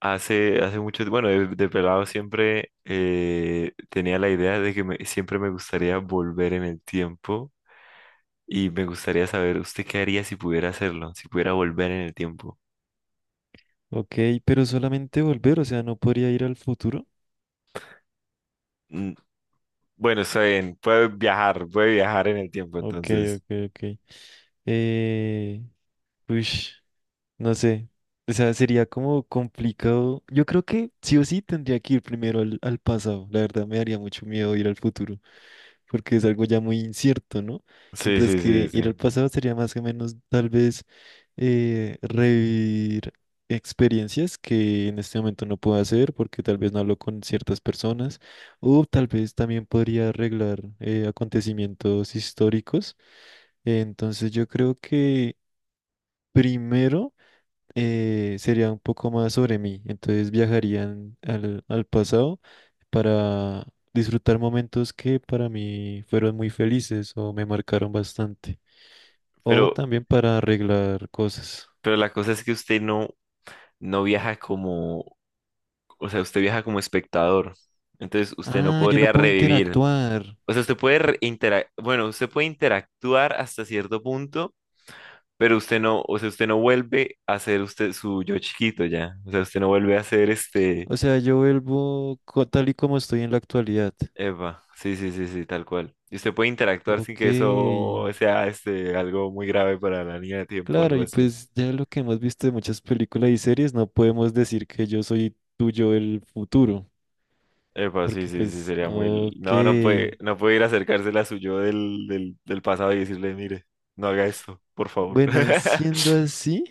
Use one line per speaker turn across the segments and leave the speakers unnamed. Hace mucho, bueno, de pelado siempre tenía la idea de que siempre me gustaría volver en el tiempo y me gustaría saber, ¿usted qué haría si pudiera hacerlo? Si pudiera volver en el tiempo.
Ok, pero solamente volver, o sea, no podría ir al futuro.
Mm, Bueno, está bien, puede viajar en el tiempo,
Ok,
entonces.
ok, ok. Eh, uish, no sé. O sea, sería como complicado. Yo creo que sí o sí tendría que ir primero al pasado. La verdad me daría mucho miedo ir al futuro, porque es algo ya muy incierto, ¿no?
Sí,
Mientras
sí, sí,
que
sí.
ir al pasado sería más o menos tal vez revivir experiencias que en este momento no puedo hacer porque tal vez no hablo con ciertas personas, o tal vez también podría arreglar acontecimientos históricos. Entonces yo creo que primero sería un poco más sobre mí. Entonces viajarían al pasado para disfrutar momentos que para mí fueron muy felices o me marcaron bastante. O
Pero,
también para arreglar cosas.
pero la cosa es que usted no, no viaja como, o sea, usted viaja como espectador. Entonces, usted no
Ah, yo no
podría
puedo
revivir.
interactuar.
O sea, usted puede bueno, usted puede interactuar hasta cierto punto. Pero usted no, o sea, usted no vuelve a ser usted su yo chiquito ya. O sea, usted no vuelve a ser este.
O sea, yo vuelvo tal y como estoy en la actualidad.
Eva, sí, sí, sí, sí, tal cual. Y usted puede interactuar sin
Ok.
que eso sea este algo muy grave para la línea de tiempo,
Claro,
algo
y
así.
pues ya lo que hemos visto de muchas películas y series, no podemos decir que yo soy tuyo el futuro.
Epa, sí,
Porque
sí, sí,
pues,
sería muy. No, no
ok.
puede, no puede ir a acercársela a su yo del pasado y decirle, mire, no haga esto, por favor.
Bueno, siendo así,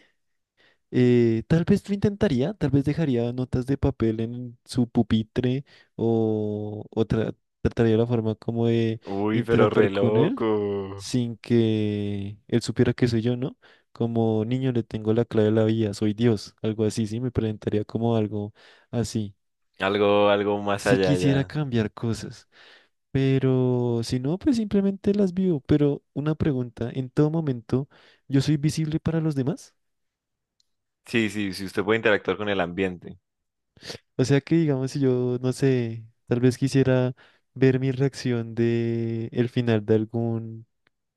tal vez lo intentaría, tal vez dejaría notas de papel en su pupitre o trataría la forma como de
Uy, pero
interactuar
re
con él
loco.
sin que él supiera que soy yo, ¿no? Como niño le tengo la clave de la vida, soy Dios, algo así, sí, me presentaría como algo así.
Algo, algo más
Si
allá
quisiera
ya.
cambiar cosas, pero si no, pues simplemente las vivo. Pero una pregunta, ¿en todo momento yo soy visible para los demás?
Sí, sí, sí, usted puede interactuar con el ambiente.
O sea que digamos, si yo, no sé, tal vez quisiera ver mi reacción de el final de algún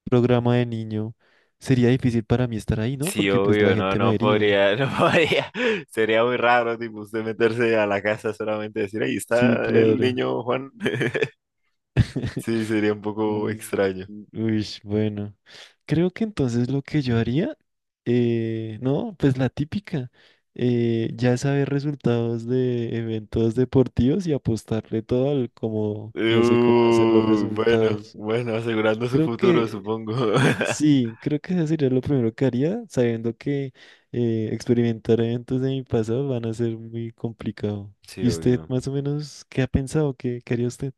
programa de niño, sería difícil para mí estar ahí, ¿no?
Sí,
Porque pues la
obvio, no,
gente me
no
vería.
podría, no podría. Sería muy raro, tipo, usted meterse a la casa solamente y decir, ahí
Sí,
está el
claro.
niño Juan. Sí, sería un poco
Mm,
extraño.
uy, bueno. Creo que entonces lo que yo haría, no, pues la típica, ya saber resultados de eventos deportivos y apostarle todo al como, ya sé cómo hacer los
Bueno,
resultados.
bueno, asegurando su
Creo
futuro,
que
supongo.
sí, creo que eso sería lo primero que haría, sabiendo que experimentar eventos de mi pasado van a ser muy complicado.
Sí,
¿Y usted
obvio.
más o menos qué ha pensado? ¿Qué, qué haría usted?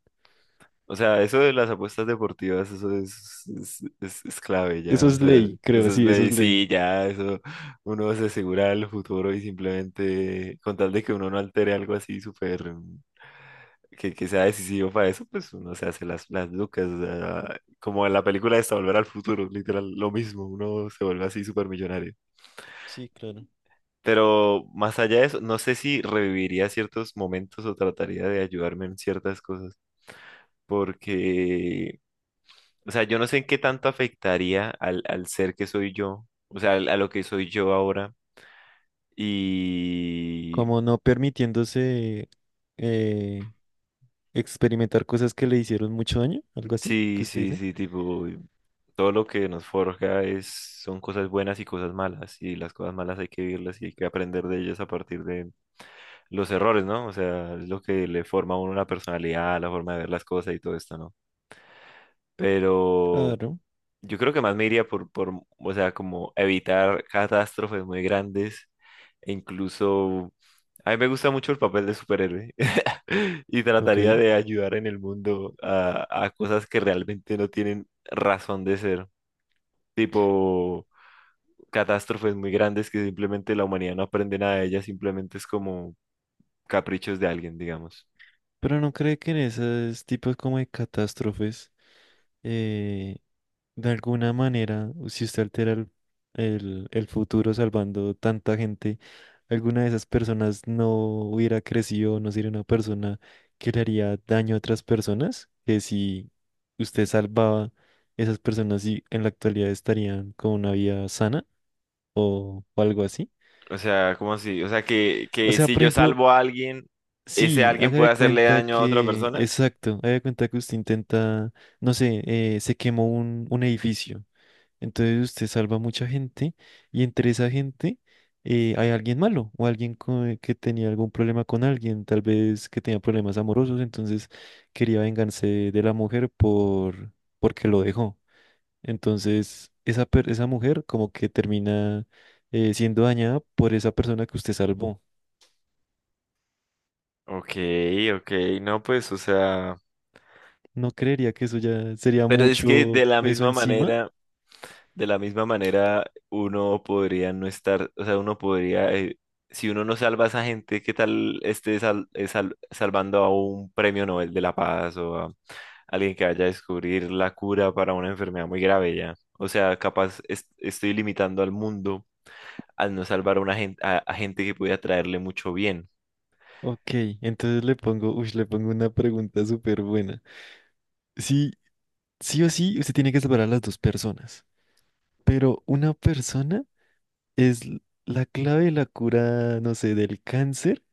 O sea, eso de las apuestas deportivas, eso es clave
Eso
ya. O
es
sea,
ley, creo,
eso es
sí, eso
ley,
es ley.
sí, ya, eso uno se asegura el futuro y simplemente con tal de que uno no altere algo así súper que sea decisivo para eso, pues uno se hace las lucas. O sea, como en la película esta, Volver al Futuro, literal, lo mismo, uno se vuelve así súper millonario.
Sí, claro.
Pero más allá de eso, no sé si reviviría ciertos momentos o trataría de ayudarme en ciertas cosas, porque o sea, yo no sé en qué tanto afectaría al ser que soy yo, o sea, a lo que soy yo ahora. Y
Como no permitiéndose eh, experimentar cosas que le hicieron mucho daño, algo así, que
sí,
usted
sí,
dice.
sí, tipo, todo lo que nos forja es, son cosas buenas y cosas malas. Y las cosas malas hay que vivirlas y hay que aprender de ellas a partir de los errores, ¿no? O sea, es lo que le forma a uno una personalidad, la forma de ver las cosas y todo esto, ¿no? Pero
Claro,
yo creo que más me iría o sea, como evitar catástrofes muy grandes. E incluso a mí me gusta mucho el papel de superhéroe y
ok.
trataría de ayudar en el mundo a cosas que realmente no tienen razón de ser, tipo catástrofes muy grandes que simplemente la humanidad no aprende nada de ellas, simplemente es como caprichos de alguien, digamos.
Pero no cree que en esos tipos como de catástrofes, eh, de alguna manera, si usted altera el futuro salvando tanta gente, alguna de esas personas no hubiera crecido, no sería una persona que le haría daño a otras personas, que si usted salvaba esas personas y en la actualidad estarían con una vida sana o algo así.
O sea, ¿cómo así? O sea,
O
que
sea,
si
por
yo
ejemplo,
salvo a alguien, ese
sí,
alguien
haga
puede
de
hacerle
cuenta
daño a otra
que,
persona.
exacto, haga de cuenta que usted intenta, no sé, se quemó un edificio. Entonces usted salva a mucha gente y entre esa gente hay alguien malo o alguien que tenía algún problema con alguien, tal vez que tenía problemas amorosos, entonces quería vengarse de la mujer por porque lo dejó. Entonces esa esa mujer como que termina siendo dañada por esa persona que usted salvó.
Ok, ok, no, pues, o sea,
No creería que eso ya sería
pero es que de
mucho
la
peso
misma
encima.
manera. De la misma manera, uno podría no estar, o sea, uno podría, si uno no salva a esa gente, ¿qué tal esté salvando a un premio Nobel de la Paz o a alguien que vaya a descubrir la cura para una enfermedad muy grave ya? O sea, capaz estoy limitando al mundo al no salvar a una gente, a gente que pudiera traerle mucho bien.
Ok, entonces le pongo, uy, le pongo una pregunta súper buena. Sí, sí o sí, usted tiene que separar a las dos personas. Pero una persona es la clave de la cura, no sé, del cáncer,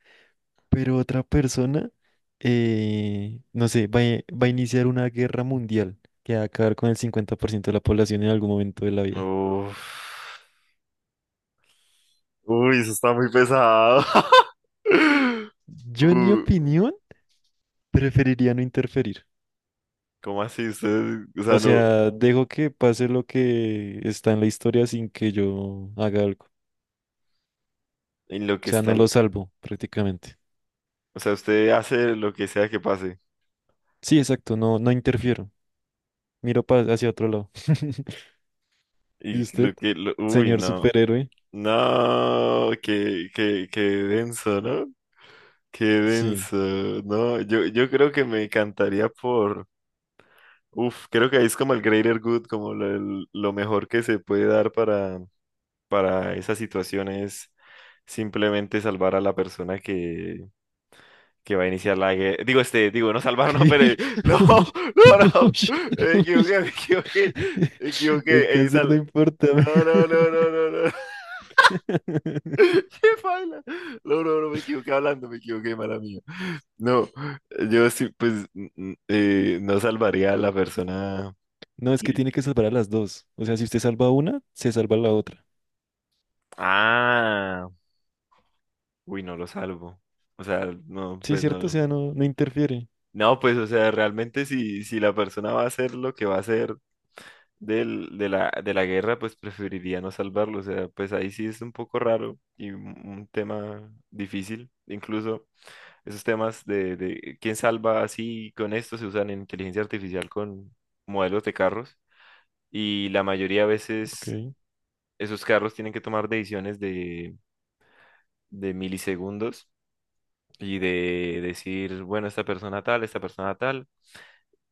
pero otra persona, no sé, va a iniciar una guerra mundial que va a acabar con el 50% de la población en algún momento de la vida.
Uf. Uy, eso está muy pesado. Uh,
Yo, en mi
uh,
opinión, preferiría no interferir.
¿cómo así? Usted, o
O
sea, no,
sea, dejo que pase lo que está en la historia sin que yo haga algo.
en lo
O
que
sea, no
está.
lo salvo prácticamente.
O sea, usted hace lo que sea que pase.
Sí, exacto, no, no interfiero. Miro hacia otro lado. ¿Y
Y
usted?
lo que... Uy,
Señor
no.
superhéroe.
No, qué, qué, qué denso, ¿no? Qué
Sí.
denso. No, yo creo que me encantaría por... Uf, creo que ahí es como el greater good, como lo, lo mejor que se puede dar para esa situación es simplemente salvar a la persona que va a iniciar la guerra. Digo, este, digo, no salvar, no, pero.
¿Qué?
No,
Uy,
no, no.
uy,
Me
uy.
equivoqué, me equivoqué. Me
El
equivoqué.
cáncer no importa.
No, no, no, no, no, no. ¿Qué baila? No, no, no, me equivoqué hablando, me equivoqué, mala mía. No, yo sí, pues, no salvaría a la persona
No, es que
que-
tiene que salvar a las dos. O sea, si usted salva a una, se salva la otra.
ah, uy, no lo salvo. O sea, no,
Sí,
pues
cierto, o
no.
sea, no, no interfiere.
No, pues, o sea, realmente si, si la persona va a hacer lo que va a hacer de la guerra, pues preferiría no salvarlo. O sea, pues ahí sí es un poco raro y un tema difícil. Incluso esos temas de quién salva así con esto se usan en inteligencia artificial con modelos de carros y la mayoría de veces
Ok.
esos carros tienen que tomar decisiones de milisegundos y de decir, bueno, esta persona tal, esta persona tal.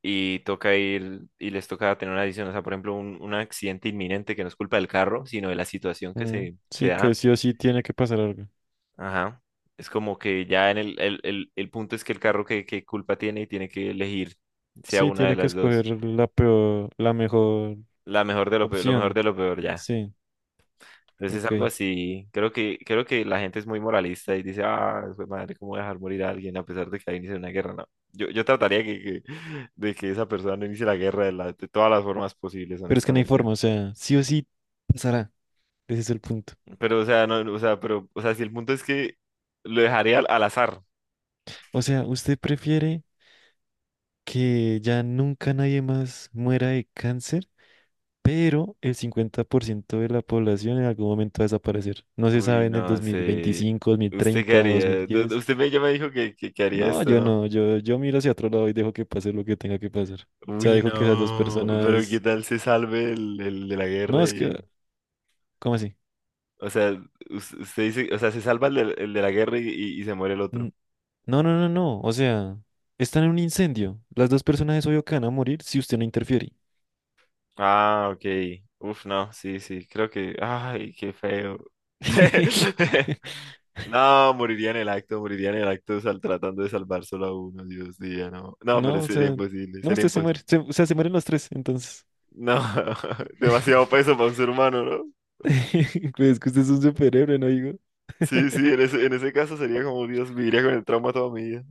Y toca ir y les toca tener una decisión, o sea, por ejemplo, un accidente inminente que no es culpa del carro, sino de la situación que
Mm,
se
sí, que
da.
sí o sí tiene que pasar algo.
Ajá. Es como que ya en el punto es que el carro que, culpa tiene y tiene que elegir, sea
Sí,
una de
tiene que
las dos.
escoger la peor, la mejor
La mejor de lo peor, lo mejor
opción.
de lo peor ya.
Sí,
Entonces es algo
ok.
así, creo que la gente es muy moralista y dice, ah, jue madre, ¿cómo voy a dejar morir a alguien a pesar de que haya iniciado una guerra? No, yo trataría de que esa persona no inicie la guerra de, de todas las formas posibles,
Pero es que no hay
honestamente.
forma, o sea, sí o sí pasará. Ese es el punto.
Pero, o sea, no, o sea, pero, o sea, si el punto es que lo dejaría al azar.
O sea, ¿usted prefiere que ya nunca nadie más muera de cáncer, pero el 50% de la población en algún momento va a desaparecer? No se
Uy,
sabe en el
no sé.
2025,
¿Usted qué
2030,
haría?
2010.
Usted me, ya me dijo que haría
No,
esto,
yo
¿no?
no, yo miro hacia otro lado y dejo que pase lo que tenga que pasar. O sea,
Uy,
dejo que esas dos
no. Pero ¿qué
personas...
tal se salve el de la
No,
guerra
es
y...
que... ¿Cómo así?
O sea, usted dice, o sea, se salva el de la guerra y, y se muere el otro.
N- No, no, no, no. O sea, están en un incendio. Las dos personas es obvio que van a morir si usted no interfiere.
Ah, ok. Uf, no, sí, sí, creo que... Ay, qué feo. No, moriría en el acto, moriría en el acto tratando de salvar solo a uno, Dios mío, no. No, pero
No, o
sería
sea,
imposible,
no,
sería
usted se
imposible.
muere. O sea, se mueren los tres, entonces.
No, demasiado peso para un ser humano, ¿no?
Pues es que usted es un superhéroe, ¿no, digo?
Sí, sí, en ese caso sería como, Dios, viviría con el trauma toda mi vida.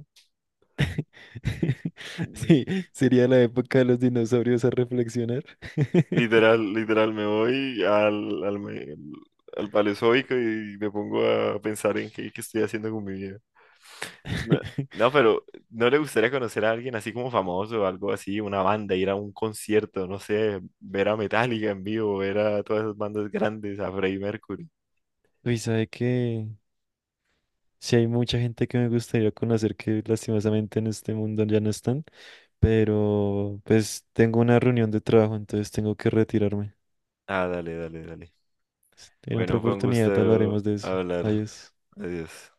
Mm,
Sí, sería la época de los dinosaurios a reflexionar.
Literal, literal, me voy al Paleozoico y me pongo a pensar en qué, qué estoy haciendo con mi vida. No, no, pero ¿no le gustaría conocer a alguien así como famoso o algo así, una banda, ir a un concierto, no sé, ver a Metallica en vivo, ver a todas esas bandas grandes, a Freddie Mercury?
Uy, ¿sabe que sí, hay mucha gente que me gustaría conocer que lastimosamente en este mundo ya no están, pero pues tengo una reunión de trabajo, entonces tengo que retirarme.
Ah, dale, dale, dale.
En otra
Bueno, fue un
oportunidad
gusto
hablaremos de eso.
hablar.
Adiós.
Adiós.